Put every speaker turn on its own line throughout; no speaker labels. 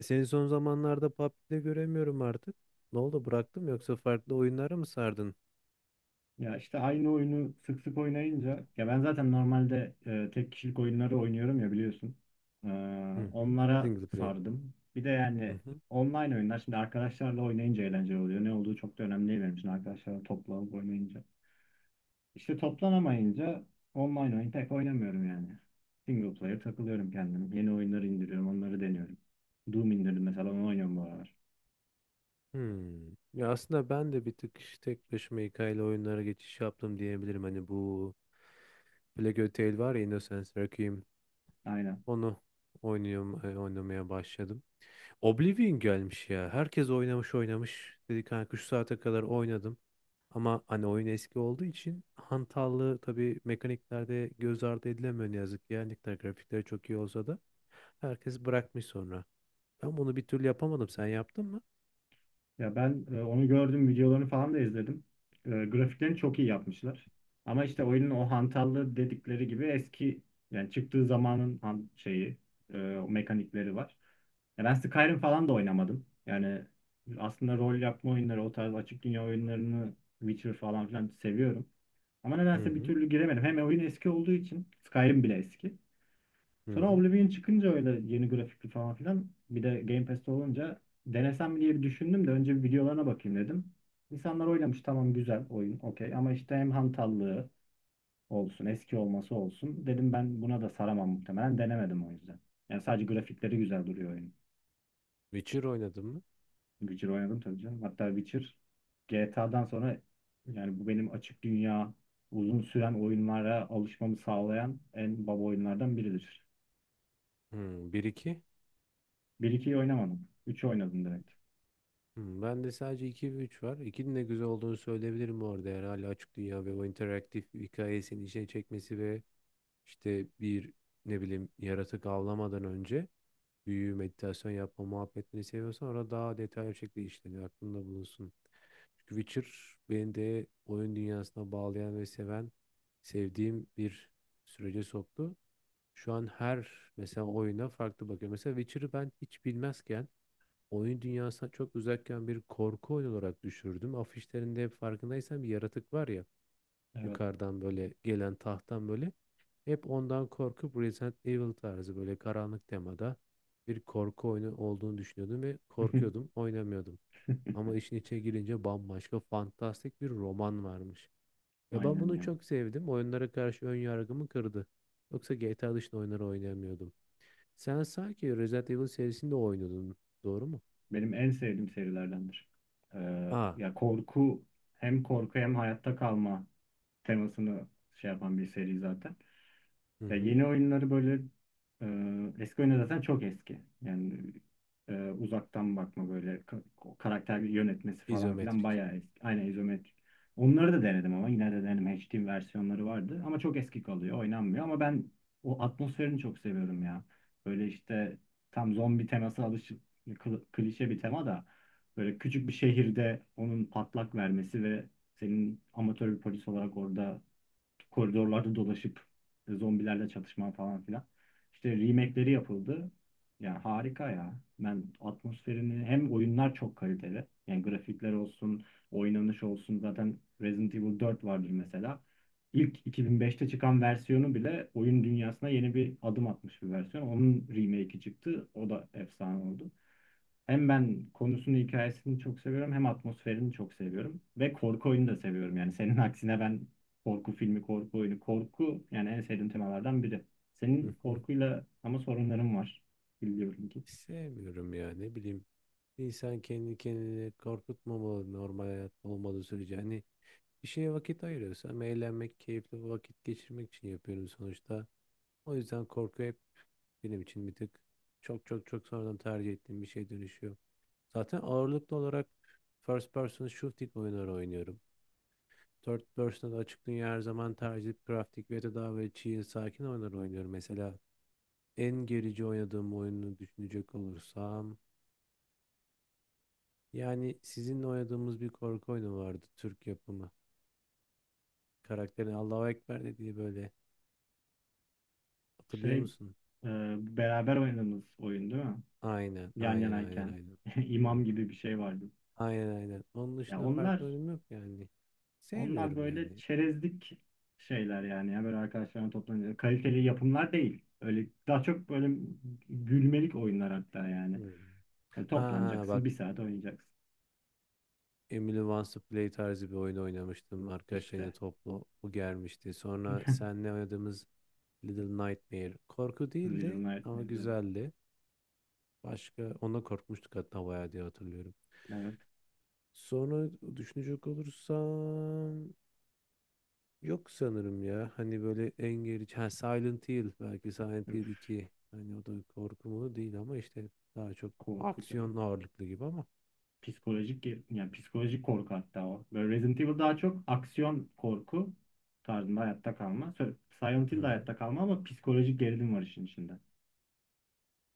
Seni son zamanlarda PUBG'de göremiyorum artık. Ne oldu bıraktın yoksa farklı oyunlara mı sardın?
Ya işte aynı oyunu sık sık oynayınca ya ben zaten normalde tek kişilik oyunları oynuyorum ya biliyorsun. Ee,
Hı hı.
Onlara
Single player.
sardım. Bir de
Hı
yani
hı.
online oyunlar şimdi arkadaşlarla oynayınca eğlenceli oluyor. Ne olduğu çok da önemli değil benim için arkadaşlarla toplanıp oynayınca. İşte toplanamayınca online oyun pek oynamıyorum yani. Single player takılıyorum kendim. Yeni oyunları indiriyorum, onları deniyorum. Doom indirdim mesela onu oynuyorum bu aralar.
Hmm. Ya aslında ben de bir tık işte tek başıma hikayeli oyunlara geçiş yaptım diyebilirim. Hani bu Plague Tale var ya Innocence Requiem.
Aynen.
Onu oynuyorum, oynamaya başladım. Oblivion gelmiş ya. Herkes oynamış oynamış dedik kanka, şu saate kadar oynadım. Ama hani oyun eski olduğu için hantallığı tabii mekaniklerde göz ardı edilemiyor ne yazık ki. Yani ne kadar grafikleri çok iyi olsa da herkes bırakmış sonra. Ben bunu bir türlü yapamadım. Sen yaptın mı?
Ya ben onu gördüm, videolarını falan da izledim. Grafiklerini çok iyi yapmışlar. Ama işte oyunun o hantallığı dedikleri gibi eski yani çıktığı zamanın şeyi, o mekanikleri var. Ya ben Skyrim falan da oynamadım. Yani aslında rol yapma oyunları, o tarz açık dünya oyunlarını Witcher falan filan seviyorum. Ama
Hı
nedense bir
hı.
türlü giremedim. Hem oyun eski olduğu için Skyrim bile eski.
Hı
Sonra
hı.
Oblivion çıkınca öyle yeni grafikli falan filan bir de Game Pass'te olunca denesem diye bir düşündüm de önce bir videolarına bakayım dedim. İnsanlar oynamış tamam güzel oyun okey ama işte hem hantallığı olsun eski olması olsun dedim ben buna da saramam muhtemelen denemedim o yüzden. Yani sadece grafikleri güzel duruyor oyun.
Witcher oynadın mı?
Witcher oynadım tabii canım. Hatta Witcher GTA'dan sonra yani bu benim açık dünya uzun süren oyunlara alışmamı sağlayan en baba oyunlardan biridir.
Hı, 1-2.
Bir 2yi oynamadım. 3'ü oynadım direkt.
Hı, ben de sadece 2 ve 3 var. 2'nin de güzel olduğunu söyleyebilirim bu arada. Yani hala açık dünya ve o interaktif hikayesini içine çekmesi ve İşte bir ne bileyim yaratık avlamadan önce büyü, meditasyon yapma muhabbetini seviyorsan orada daha detaylı bir şekilde işleniyor. Aklında bulunsun. Çünkü Witcher beni de oyun dünyasına bağlayan ve seven, sevdiğim bir sürece soktu. Şu an her mesela oyuna farklı bakıyorum. Mesela Witcher'ı ben hiç bilmezken oyun dünyasına çok uzakken bir korku oyunu olarak düşürdüm. Afişlerinde hep farkındaysam bir yaratık var ya
Evet.
yukarıdan böyle gelen tahttan böyle hep ondan korkup Resident Evil tarzı böyle karanlık temada bir korku oyunu olduğunu düşünüyordum ve korkuyordum, oynamıyordum. Ama işin içine girince bambaşka fantastik bir roman varmış. Ve ben
Aynen
bunu
ya.
çok sevdim. Oyunlara karşı ön yargımı kırdı. Yoksa GTA dışında oyunları oynayamıyordum. Sen sanki Resident Evil serisinde oynuyordun, doğru mu?
Benim en sevdiğim serilerdendir.
Aa,
Ya korku Hem korku hem hayatta kalma temasını şey yapan bir seri zaten.
hı
Ya
hı.
yeni oyunları böyle eski oyunlar zaten çok eski. Yani uzaktan bakma böyle karakter yönetmesi falan filan
İzometrik.
bayağı eski. Aynen izometrik. Onları da denedim ama yine de denedim. HD versiyonları vardı ama çok eski kalıyor. Oynanmıyor ama ben o atmosferini çok seviyorum ya. Böyle işte tam zombi teması alışık klişe bir tema da böyle küçük bir şehirde onun patlak vermesi ve senin amatör bir polis olarak orada koridorlarda dolaşıp zombilerle çatışma falan filan. İşte remake'leri yapıldı. Yani harika ya. Ben atmosferini hem oyunlar çok kaliteli. Yani grafikler olsun, oynanış olsun. Zaten Resident Evil 4 vardır mesela. İlk 2005'te çıkan versiyonu bile oyun dünyasına yeni bir adım atmış bir versiyon. Onun remake'i çıktı. O da efsane oldu. Hem ben konusunu, hikayesini çok seviyorum hem atmosferini çok seviyorum. Ve korku oyunu da seviyorum. Yani senin aksine ben korku filmi, korku oyunu, korku yani en sevdiğim temalardan biri.
Hı
Senin
hı.
korkuyla ama sorunların var. Biliyorum ki.
Sevmiyorum ya ne bileyim. İnsan kendi kendini korkutmamalı normal hayat olmadığı sürece. Hani bir şeye vakit ayırıyorsam eğlenmek, keyifli vakit geçirmek için yapıyorum sonuçta. O yüzden korku hep benim için bir tık çok çok çok sonradan tercih ettiğim bir şey dönüşüyor. Zaten ağırlıklı olarak first person shooting oyunları oynuyorum. Third person'da da açık dünya her zaman tercih edip grafik ve de daha böyle chill, sakin oyunlar oynuyorum. Mesela en gerici oynadığım oyunu düşünecek olursam yani sizinle oynadığımız bir korku oyunu vardı Türk yapımı. Karakterin Allahu Ekber dediği böyle
Şey,
hatırlıyor musun?
e, Beraber oynadığımız oyun değil mi?
Aynen,
Yan
aynen, aynen,
yanayken.
aynen. Hı
imam
hı.
gibi bir şey vardı.
Aynen, aynen. Onun
Ya
dışında farklı
onlar
oyun yok yani.
Onlar
Sevmiyorum
böyle
yani.
çerezlik şeyler yani. Ya böyle arkadaşlarına toplanıyor. Kaliteli yapımlar değil. Öyle daha çok böyle gülmelik oyunlar hatta
Hı.
yani.
Ha
Toplanacaksın.
bak
Bir saat oynayacaksın.
Emily Wants to Play tarzı bir oyun oynamıştım. Arkadaşlarıyla
İşte.
toplu bu gelmişti. Sonra seninle oynadığımız Little Nightmare. Korku
Little
değildi ama
Nightmares. Evet.
güzeldi. Başka ona korkmuştuk hatta bayağı diye hatırlıyorum.
Evet.
Sonra düşünecek olursam yok sanırım ya. Hani böyle en gerici. Ha, Silent Hill. Belki Silent Hill
Üf,
2. Hani o da korku değil ama işte daha çok
korkacağım.
aksiyon ağırlıklı gibi ama.
Yani psikolojik korku hatta o. Böyle Resident Evil daha çok aksiyon korku tarzında hayatta kalma. Silent
Hı
Hill de
hı.
hayatta kalma ama psikolojik gerilim var işin içinde.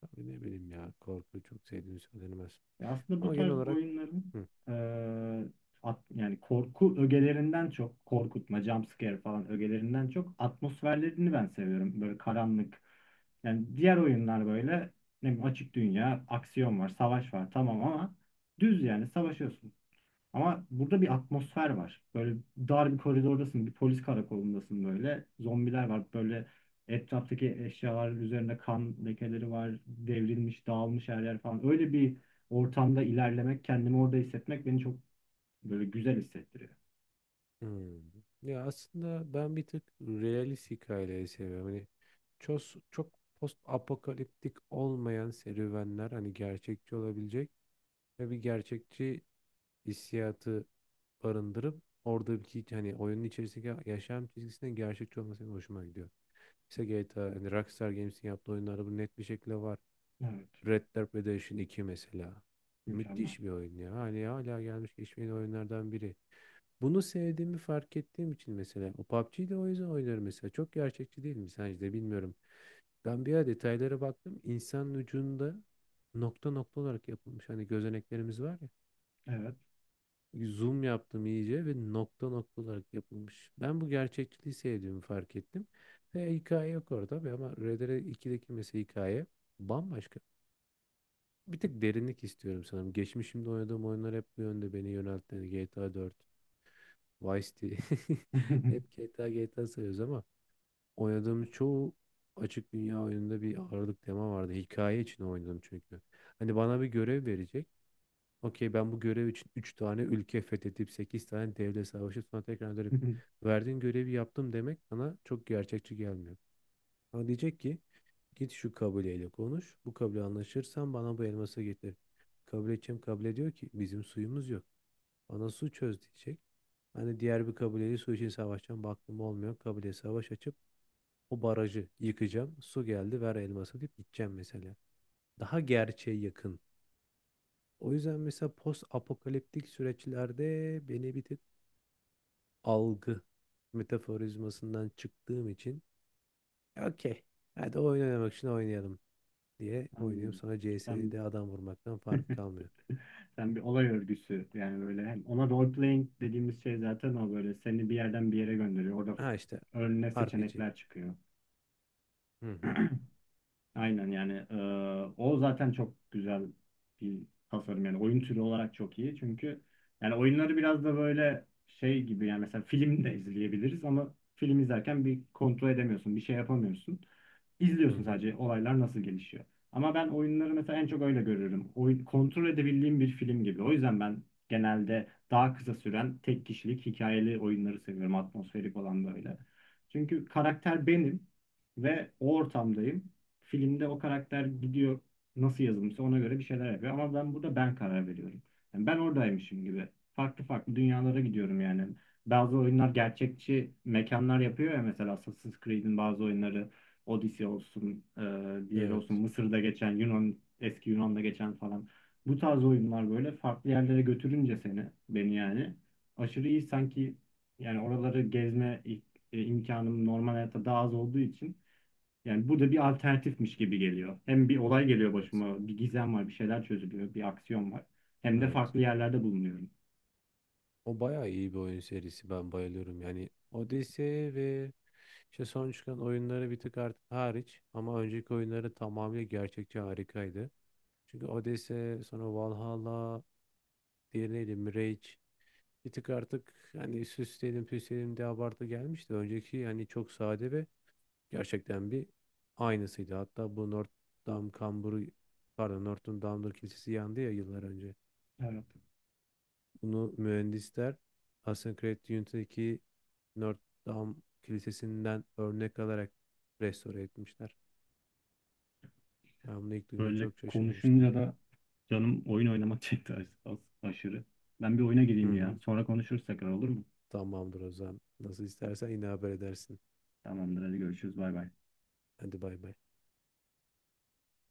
Tabii ne bileyim ya. Korku çok sevdiğim söylenemez.
Ya aslında bu
Ama genel
tarz
olarak
oyunların
hı.
e, yani korku ögelerinden çok korkutma, jump scare falan ögelerinden çok atmosferlerini ben seviyorum. Böyle karanlık. Yani diğer oyunlar böyle ne bileyim, açık dünya, aksiyon var, savaş var tamam ama düz yani savaşıyorsun. Ama burada bir atmosfer var. Böyle dar bir koridordasın, bir polis karakolundasın böyle. Zombiler var. Böyle etraftaki eşyaların üzerinde kan lekeleri var. Devrilmiş, dağılmış her yer falan. Öyle bir ortamda ilerlemek, kendimi orada hissetmek beni çok böyle güzel hissettiriyor.
Hı. Ya aslında ben bir tık realist hikayeleri seviyorum. Hani çok, çok post apokaliptik olmayan serüvenler hani gerçekçi olabilecek ve bir gerçekçi hissiyatı barındırıp oradaki hani oyunun içerisindeki yaşam çizgisinin gerçekçi olması benim hoşuma gidiyor. İşte GTA hani Rockstar Games'in yaptığı oyunlarda bu net bir şekilde var.
Evet.
Red Dead Redemption 2 mesela.
Mükemmel.
Müthiş bir oyun ya. Hani hala gelmiş geçmeyen oyunlardan biri. Bunu sevdiğimi fark ettiğim için mesela o PUBG'yi de o yüzden oynarım mesela. Çok gerçekçi değil mi sence de bilmiyorum. Ben bir ara detaylara baktım. İnsanın ucunda nokta nokta olarak yapılmış. Hani gözeneklerimiz var ya.
Evet.
Zoom yaptım iyice ve nokta nokta olarak yapılmış. Ben bu gerçekçiliği sevdiğimi fark ettim. Ve hikaye yok orada tabii ama Red Dead 2'deki mesela hikaye bambaşka. Bir tık derinlik istiyorum sanırım. Geçmişimde oynadığım oyunlar hep bu yönde beni yöneltti. GTA 4, Vice City. Hep GTA GTA sayıyoruz ama oynadığım çoğu açık dünya oyununda bir ağırlık tema vardı. Hikaye için oynadım çünkü. Hani bana bir görev verecek. Okey ben bu görev için 3 tane ülke fethedip 8 tane devlet savaşıp sonra tekrar dönüp verdiğin görevi yaptım demek bana çok gerçekçi gelmiyor. Ama diyecek ki git şu kabileyle konuş. Bu kabile anlaşırsan bana bu elması getir. Kabile kim kabile diyor ki bizim suyumuz yok. Bana su çöz diyecek. Hani diğer bir kabileyle su için savaşacağım. Baktım olmuyor. Kabileye savaş açıp o barajı yıkacağım. Su geldi ver elması deyip gideceğim mesela. Daha gerçeğe yakın. O yüzden mesela post apokaliptik süreçlerde beni bir tık algı metaforizmasından çıktığım için okey. Hadi oyun oynamak için oynayalım diye oynuyorum. Sonra
Sen,
CS'de adam vurmaktan fark kalmıyor.
Sen bir olay örgüsü yani böyle hem ona role playing dediğimiz şey zaten o böyle seni bir yerden bir yere gönderiyor. Orada
Ha işte
önüne
RPG.
seçenekler çıkıyor.
Hı hı.
Aynen yani o zaten çok güzel bir tasarım yani oyun türü olarak çok iyi çünkü yani oyunları biraz da böyle şey gibi yani mesela film de izleyebiliriz ama film izlerken bir kontrol edemiyorsun bir şey yapamıyorsun
Hı
izliyorsun
hı.
sadece olaylar nasıl gelişiyor ama ben oyunları mesela en çok öyle görüyorum oyun kontrol edebildiğim bir film gibi o yüzden ben genelde daha kısa süren tek kişilik hikayeli oyunları seviyorum atmosferik olan böyle çünkü karakter benim ve o ortamdayım filmde o karakter gidiyor nasıl yazılmışsa ona göre bir şeyler yapıyor. Ama ben burada ben karar veriyorum. Yani ben oradaymışım gibi. Farklı farklı dünyalara gidiyorum yani. Bazı oyunlar gerçekçi mekanlar yapıyor ya mesela Assassin's Creed'in bazı oyunları Odyssey olsun, diğeri olsun
Evet.
Mısır'da geçen, Yunan, eski Yunan'da geçen falan. Bu tarz oyunlar böyle farklı yerlere götürünce seni, beni yani aşırı iyi sanki yani imkanım normal hayatta daha az olduğu için yani bu da bir alternatifmiş gibi geliyor. Hem bir olay geliyor
Evet.
başıma, bir gizem var, bir şeyler çözülüyor, bir aksiyon var. Hem de
Evet.
farklı yerlerde bulunuyorum.
O bayağı iyi bir oyun serisi. Ben bayılıyorum. Yani Odyssey ve işte son çıkan oyunları bir tık artık hariç ama önceki oyunları tamamıyla gerçekçi harikaydı. Çünkü Odyssey, sonra Valhalla, diğeri neydi? Mirage. Bir tık artık hani süsleyelim püsleyelim diye abartı gelmişti. Önceki hani çok sade ve gerçekten bir aynısıydı. Hatta bu Notre Dame kamburu pardon Notre Dame'dur kilisesi yandı ya yıllar önce.
Evet.
Bunu mühendisler Assassin's Creed Unity'deki Notre Dame kilisesinden örnek alarak restore etmişler. Ben bunu ilk duyduğumda
Böyle
çok şaşırmıştım.
konuşunca da canım oyun oynamak çekti aşırı. Ben bir oyuna
Hı
gireyim ya.
hı.
Sonra konuşuruz tekrar olur mu?
Tamamdır o zaman. Nasıl istersen yine haber edersin.
Tamamdır hadi görüşürüz bay bay.
Hadi bay bay.